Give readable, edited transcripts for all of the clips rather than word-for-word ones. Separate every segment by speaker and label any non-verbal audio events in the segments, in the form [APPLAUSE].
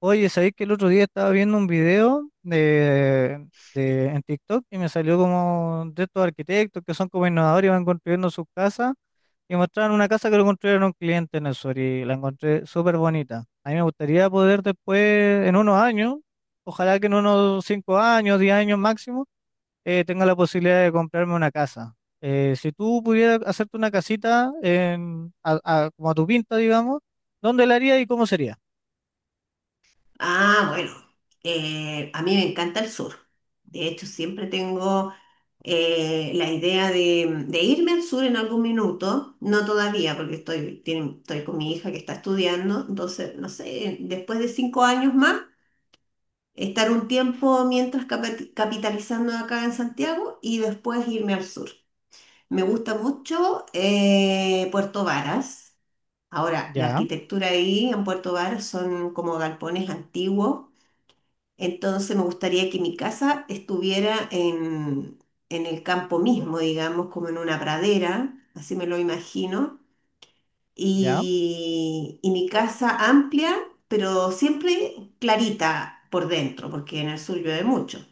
Speaker 1: Oye, ¿sabéis que el otro día estaba viendo un video en TikTok y me salió como de estos arquitectos que son como innovadores y van construyendo sus casas y mostraron una casa que lo construyeron un cliente en el sur y la encontré súper bonita? A mí me gustaría poder después, en unos años, ojalá que en unos 5 años, 10 años máximo, tenga la posibilidad de comprarme una casa. Si tú pudieras hacerte una casita en, como a tu pinta, digamos, ¿dónde la harías y cómo sería?
Speaker 2: Ah, bueno, a mí me encanta el sur. De hecho, siempre tengo la idea de irme al sur en algún minuto, no todavía, porque estoy, estoy con mi hija que está estudiando. Entonces, no sé, después de cinco años más, estar un tiempo mientras capitalizando acá en Santiago y después irme al sur. Me gusta mucho Puerto Varas. Ahora, la
Speaker 1: Ya,
Speaker 2: arquitectura ahí en Puerto Varas son como galpones antiguos, entonces me gustaría que mi casa estuviera en el campo mismo, digamos, como en una pradera, así me lo imagino.
Speaker 1: ya.
Speaker 2: Y mi casa amplia, pero siempre clarita por dentro, porque en el sur llueve mucho.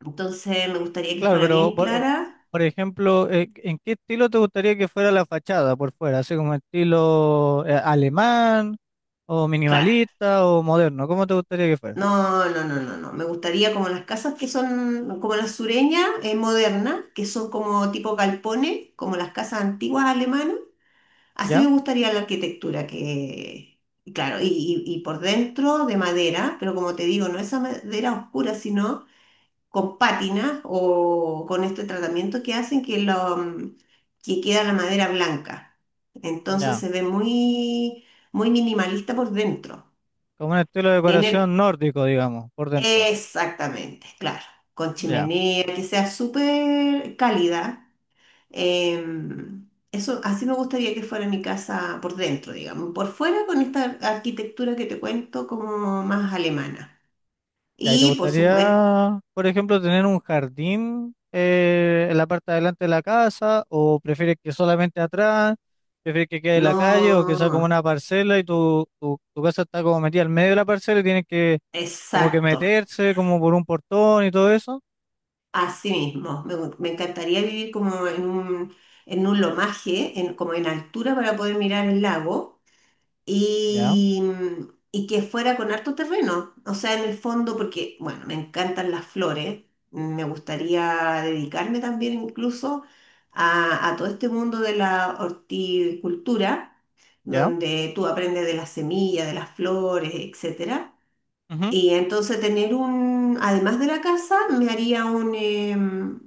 Speaker 2: Entonces me gustaría que
Speaker 1: Claro,
Speaker 2: fuera
Speaker 1: pero
Speaker 2: bien clara.
Speaker 1: por ejemplo, ¿en qué estilo te gustaría que fuera la fachada por fuera? ¿Así como estilo alemán o
Speaker 2: Claro.
Speaker 1: minimalista o moderno? ¿Cómo te gustaría que fuera?
Speaker 2: No, no, no, no, no. Me gustaría como las casas que son como las sureñas, modernas, que son como tipo galpones, como las casas antiguas alemanas. Así me
Speaker 1: ¿Ya?
Speaker 2: gustaría la arquitectura, que, claro, y por dentro de madera, pero como te digo, no esa madera oscura, sino con pátinas o con este tratamiento que hacen que, que queda la madera blanca. Entonces
Speaker 1: Ya.
Speaker 2: se ve muy minimalista por dentro.
Speaker 1: Como un estilo de
Speaker 2: En el,
Speaker 1: decoración nórdico, digamos, por dentro.
Speaker 2: exactamente, claro, con
Speaker 1: Ya.
Speaker 2: chimenea, que sea súper cálida. Eso, así me gustaría que fuera mi casa por dentro, digamos, por fuera con esta arquitectura que te cuento como más alemana.
Speaker 1: Ya, ¿y te
Speaker 2: Y por supuesto,
Speaker 1: gustaría, por ejemplo, tener un jardín en la parte de adelante de la casa o prefieres que solamente atrás? ¿Prefieres que quede en la calle o que sea como
Speaker 2: no,
Speaker 1: una parcela y tu casa está como metida al medio de la parcela y tienes que como que
Speaker 2: exacto,
Speaker 1: meterse como por un portón y todo eso?
Speaker 2: así mismo. Me encantaría vivir como en un lomaje, como en altura para poder mirar el lago
Speaker 1: Ya,
Speaker 2: y, y que fuera con harto terreno. O sea, en el fondo, porque, bueno, me encantan las flores, me gustaría dedicarme también incluso a todo este mundo de la horticultura,
Speaker 1: ya.
Speaker 2: donde tú aprendes de las semillas, de las flores, etcétera.
Speaker 1: Ujú.
Speaker 2: Y entonces tener un, además de la casa, me haría un, em,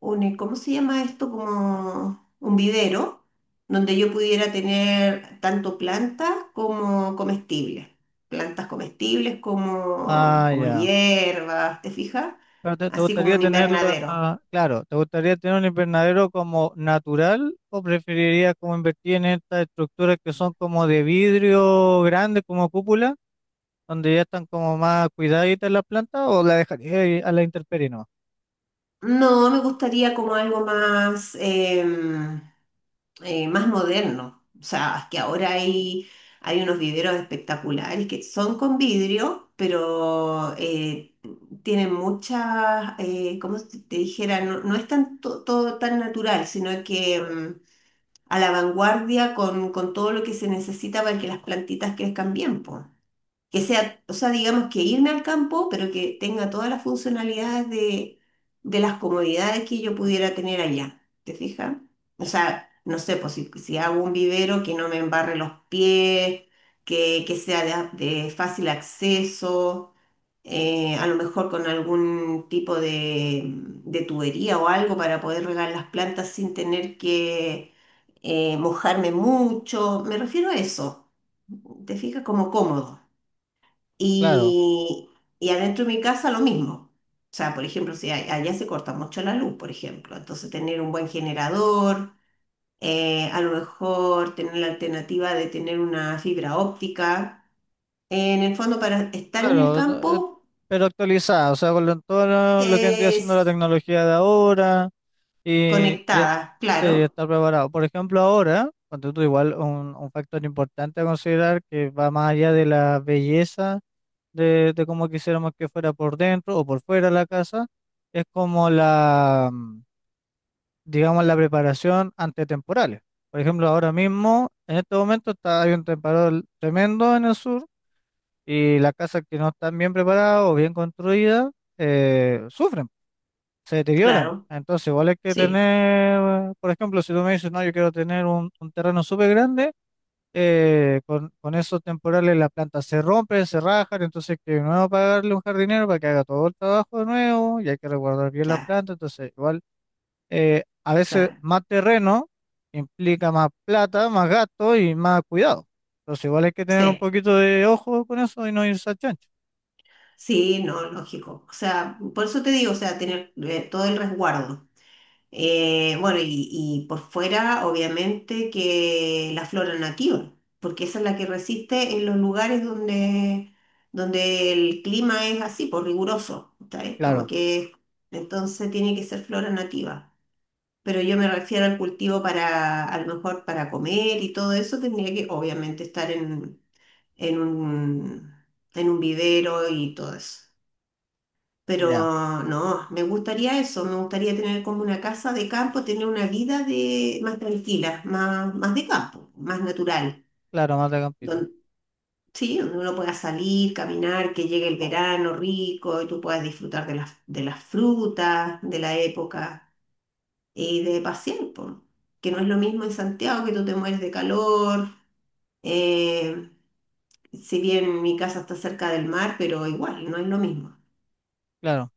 Speaker 2: un, eh, ¿cómo se llama esto? Como un vivero, donde yo pudiera tener tanto plantas como comestibles. Plantas comestibles como,
Speaker 1: Ah,
Speaker 2: como
Speaker 1: ya.
Speaker 2: hierbas, ¿te fijas?
Speaker 1: Pero te
Speaker 2: Así como
Speaker 1: gustaría
Speaker 2: un
Speaker 1: tener
Speaker 2: invernadero.
Speaker 1: claro, ¿te gustaría tener un invernadero como natural o preferirías como invertir en estas estructuras que son como de vidrio grande, como cúpula, donde ya están como más cuidaditas las plantas o la dejarías ahí a la intemperie nomás?
Speaker 2: No, me gustaría como algo más, más moderno. O sea, que ahora hay unos viveros espectaculares que son con vidrio, pero tienen muchas, como si te dijera, no, no es tan, todo tan natural, sino que mm, a la vanguardia con todo lo que se necesita para que las plantitas crezcan bien, po, que sea, o sea, digamos que irme al campo, pero que tenga todas las funcionalidades de las comodidades que yo pudiera tener allá, ¿te fijas? O sea, no sé, pues si hago un vivero que no me embarre los pies, que sea de fácil acceso, a lo mejor con algún tipo de tubería o algo para poder regar las plantas sin tener que mojarme mucho, me refiero a eso, ¿te fijas? Como cómodo.
Speaker 1: Claro,
Speaker 2: Y, y adentro de mi casa lo mismo. O sea, por ejemplo, si allá se corta mucho la luz, por ejemplo. Entonces, tener un buen generador, a lo mejor tener la alternativa de tener una fibra óptica. En el fondo, para estar en el
Speaker 1: claro, eh,
Speaker 2: campo,
Speaker 1: pero actualizada, o sea, con todo lo que vendría siendo la
Speaker 2: es
Speaker 1: tecnología de ahora. Y, y- e,
Speaker 2: conectada,
Speaker 1: sí, ya
Speaker 2: claro,
Speaker 1: está preparado. Por ejemplo, ahora, cuando tú igual un, factor importante a considerar que va más allá de la belleza de cómo quisiéramos que fuera por dentro o por fuera la casa, es como digamos, la preparación ante temporales. Por ejemplo, ahora mismo, en este momento hay un temporal tremendo en el sur y las casas que no están bien preparadas o bien construidas sufren, se deterioran.
Speaker 2: claro,
Speaker 1: Entonces, igual hay que
Speaker 2: sí,
Speaker 1: tener, por ejemplo, si tú me dices, no, yo quiero tener un, terreno súper grande, con esos temporales la planta se rompe, se rajan, entonces hay que de nuevo pagarle un jardinero para que haga todo el trabajo de nuevo y hay que resguardar bien la
Speaker 2: claro,
Speaker 1: planta. Entonces, igual, a veces
Speaker 2: claro,
Speaker 1: más terreno implica más plata, más gasto y más cuidado. Entonces, igual hay que tener un
Speaker 2: sí.
Speaker 1: poquito de ojo con eso y no irse a chancho.
Speaker 2: Sí, no, lógico. O sea, por eso te digo, o sea, tener todo el resguardo. Bueno, y por fuera, obviamente, que la flora nativa, porque esa es la que resiste en los lugares donde, donde el clima es así, por riguroso, ¿sabes? Como
Speaker 1: Claro,
Speaker 2: que entonces tiene que ser flora nativa. Pero yo me refiero al cultivo para, a lo mejor para comer y todo eso, tendría que obviamente estar en un, en un vivero y todo eso.
Speaker 1: ya,
Speaker 2: Pero no, me gustaría eso, me gustaría tener como una casa de campo, tener una vida de, más tranquila, más, más de campo, más natural,
Speaker 1: claro, más mata campito.
Speaker 2: donde, sí, donde uno pueda salir, caminar, que llegue el verano rico y tú puedas disfrutar de las frutas, de la época y de pasear, po. Que no es lo mismo en Santiago, que tú te mueres de calor, eh, si bien mi casa está cerca del mar, pero igual, no es lo mismo.
Speaker 1: Claro.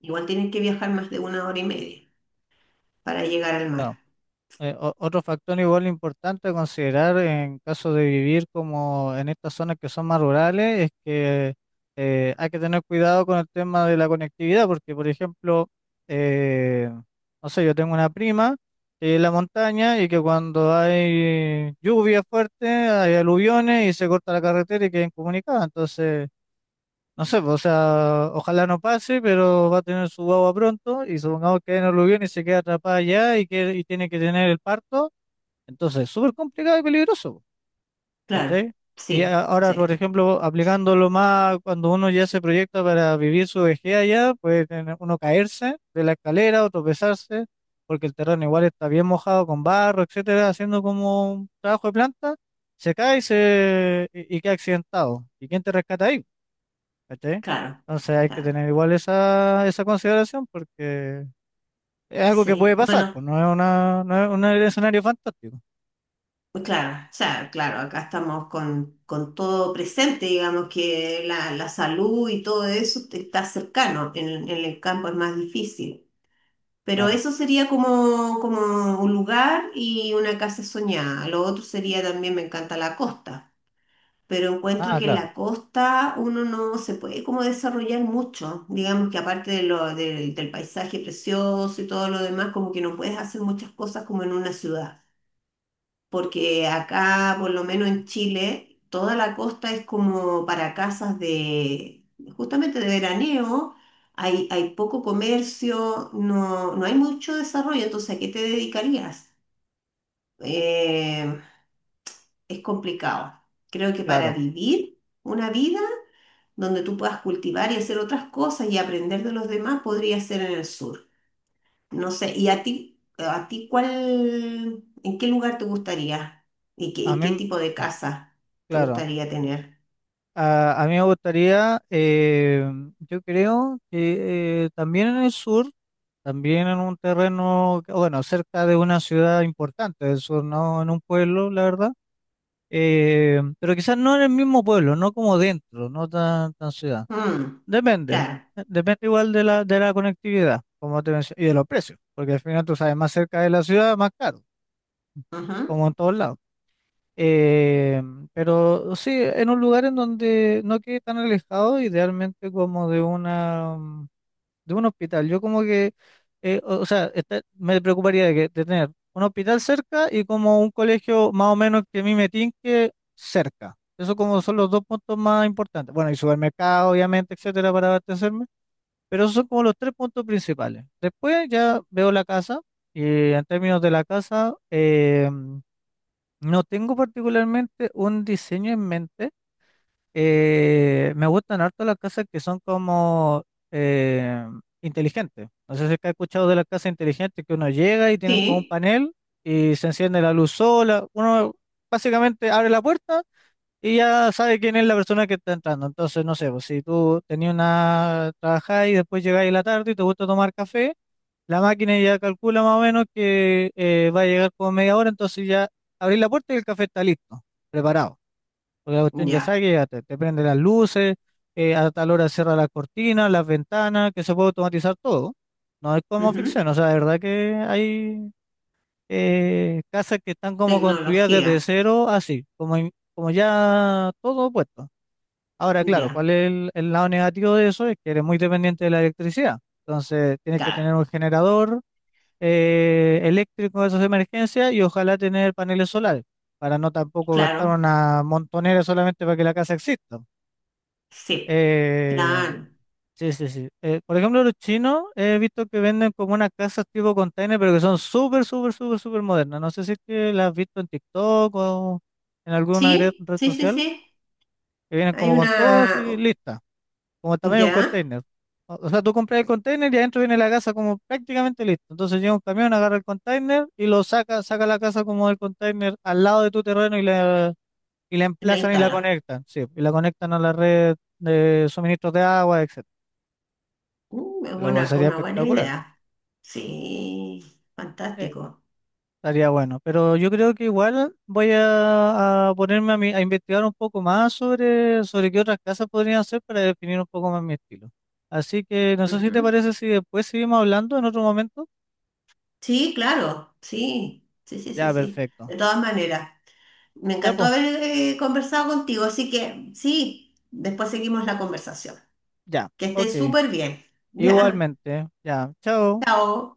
Speaker 2: Igual tienes que viajar más de una hora y media para llegar al
Speaker 1: Claro.
Speaker 2: mar.
Speaker 1: Otro factor igual importante a considerar en caso de vivir como en estas zonas que son más rurales es que hay que tener cuidado con el tema de la conectividad, porque por ejemplo, eh, no sé, yo tengo una prima que es en la montaña y que cuando hay lluvia fuerte, hay aluviones y se corta la carretera y queda incomunicada. Entonces, no sé, pues, o sea, ojalá no pase, pero va a tener su guagua pronto y supongamos que hay un aluvión y se queda atrapada allá y, que, y tiene que tener el parto. Entonces, es súper complicado y peligroso,
Speaker 2: Claro,
Speaker 1: ¿cachai? Y
Speaker 2: sí,
Speaker 1: ahora,
Speaker 2: sí,
Speaker 1: por ejemplo, aplicándolo más cuando uno ya se proyecta para vivir su vejez allá, puede uno caerse de la escalera o tropezarse, porque el terreno igual está bien mojado con barro, etcétera, haciendo como un trabajo de planta, se cae y queda accidentado. ¿Y quién te rescata ahí? ¿Cachai?
Speaker 2: claro,
Speaker 1: Entonces hay que
Speaker 2: claro.
Speaker 1: tener igual esa, esa consideración porque es algo que puede
Speaker 2: Sí,
Speaker 1: pasar,
Speaker 2: bueno,
Speaker 1: pues no es una, no es un escenario fantástico.
Speaker 2: pues claro, o sea, claro, acá estamos con todo presente, digamos que la salud y todo eso está cercano, en el campo es más difícil. Pero
Speaker 1: Claro,
Speaker 2: eso sería como, como un lugar y una casa soñada. Lo otro sería también, me encanta la costa. Pero encuentro
Speaker 1: ah,
Speaker 2: que en
Speaker 1: claro.
Speaker 2: la costa uno no se puede como desarrollar mucho. Digamos que aparte de lo, del del paisaje precioso y todo lo demás, como que no puedes hacer muchas cosas como en una ciudad. Porque acá, por lo menos en Chile, toda la costa es como para casas de, justamente de veraneo. Hay poco comercio, no hay mucho desarrollo, entonces ¿a qué te dedicarías? Eh, es complicado. Creo que para
Speaker 1: Claro.
Speaker 2: vivir una vida donde tú puedas cultivar y hacer otras cosas y aprender de los demás, podría ser en el sur. No sé, ¿y a ti cuál, en qué lugar te gustaría? ¿Y qué,
Speaker 1: A
Speaker 2: y qué
Speaker 1: mí,
Speaker 2: tipo de casa te
Speaker 1: claro,
Speaker 2: gustaría tener?
Speaker 1: a mí me gustaría, yo creo que también en el sur, también en un terreno, que- bueno, cerca de una ciudad importante del sur, no en un pueblo, la verdad, pero quizás no en el mismo pueblo, no como dentro, no tan, tan ciudad.
Speaker 2: Mm,
Speaker 1: Depende,
Speaker 2: claro.
Speaker 1: depende igual de la conectividad, como te mencioné, y de los precios, porque al final tú sabes, más cerca de la ciudad, más caro,
Speaker 2: Ujú,
Speaker 1: como en todos lados. Eh, pero sí, en un lugar en donde no quede tan alejado, idealmente como de de un hospital. Yo como que, o sea, me preocuparía de tener un hospital cerca y como un colegio más o menos que a mí me tinque cerca. Eso como son los dos puntos más importantes. Bueno, y supermercado, obviamente, etcétera, para abastecerme. Pero esos son como los tres puntos principales. Después ya veo la casa y en términos de la casa, no tengo particularmente un diseño en mente. Me gustan harto las casas que son como eh, inteligentes. No sé si es que has escuchado de las casas inteligentes que uno llega y tienen como un
Speaker 2: sí,
Speaker 1: panel y se enciende la luz sola. Uno básicamente abre la puerta y ya sabe quién es la persona que está entrando. Entonces, no sé, pues, si tú tenías una trabajada y después llegáis a la tarde y te gusta tomar café. La máquina ya calcula más o menos que va a llegar como media hora, entonces ya abrís la puerta y el café está listo, preparado. Porque la cuestión ya sabe
Speaker 2: ya.
Speaker 1: que ya te prende las luces, a tal hora cierra las cortinas, las ventanas, que se puede automatizar todo. No es como
Speaker 2: Ujú,
Speaker 1: ficción, o sea, de verdad que hay casas que están como construidas desde
Speaker 2: tecnología,
Speaker 1: cero, así, como, como ya todo puesto. Ahora, claro,
Speaker 2: ya.
Speaker 1: ¿cuál es el lado negativo de eso? Es que eres muy dependiente de la electricidad. Entonces, tienes que
Speaker 2: Claro,
Speaker 1: tener un generador eléctricos de esas emergencias y ojalá tener paneles solares para no tampoco gastar
Speaker 2: claro,
Speaker 1: una montonera solamente para que la casa exista.
Speaker 2: sí,
Speaker 1: Eh,
Speaker 2: claro.
Speaker 1: sí, sí, sí. Por ejemplo, los chinos he visto que venden como unas casas tipo container, pero que son súper, súper, súper, súper modernas. No sé si es que las has visto en TikTok o en alguna
Speaker 2: Sí,
Speaker 1: red
Speaker 2: sí, sí,
Speaker 1: social,
Speaker 2: sí.
Speaker 1: que vienen
Speaker 2: Hay
Speaker 1: como con todo así
Speaker 2: una,
Speaker 1: listas como tamaño de un
Speaker 2: ya,
Speaker 1: container. O sea, tú compras el container y adentro viene la casa como prácticamente listo. Entonces llega un camión, agarra el container y lo saca, saca la casa como del container al lado de tu terreno y y la
Speaker 2: la
Speaker 1: emplazan y la
Speaker 2: instala.
Speaker 1: conectan. Sí, y la conectan a la red de suministros de agua, etcétera.
Speaker 2: Mm, es
Speaker 1: Lo cual
Speaker 2: buena
Speaker 1: sería
Speaker 2: una buena
Speaker 1: espectacular.
Speaker 2: idea. Sí,
Speaker 1: Eh,
Speaker 2: fantástico.
Speaker 1: Estaría bueno. Pero yo creo que igual voy a ponerme a, a investigar un poco más sobre, sobre qué otras casas podrían hacer para definir un poco más mi estilo. Así que no sé si te
Speaker 2: Ujú.
Speaker 1: parece si después seguimos hablando en otro momento.
Speaker 2: Sí, claro, sí, sí, sí, sí,
Speaker 1: Ya,
Speaker 2: sí.
Speaker 1: perfecto.
Speaker 2: De todas maneras, me
Speaker 1: Ya,
Speaker 2: encantó
Speaker 1: pues,
Speaker 2: haber conversado contigo, así que sí, después seguimos la conversación.
Speaker 1: ya.
Speaker 2: Que estés
Speaker 1: Ok.
Speaker 2: súper bien. [LAUGHS] Ya,
Speaker 1: Igualmente. Ya. Chao.
Speaker 2: chao.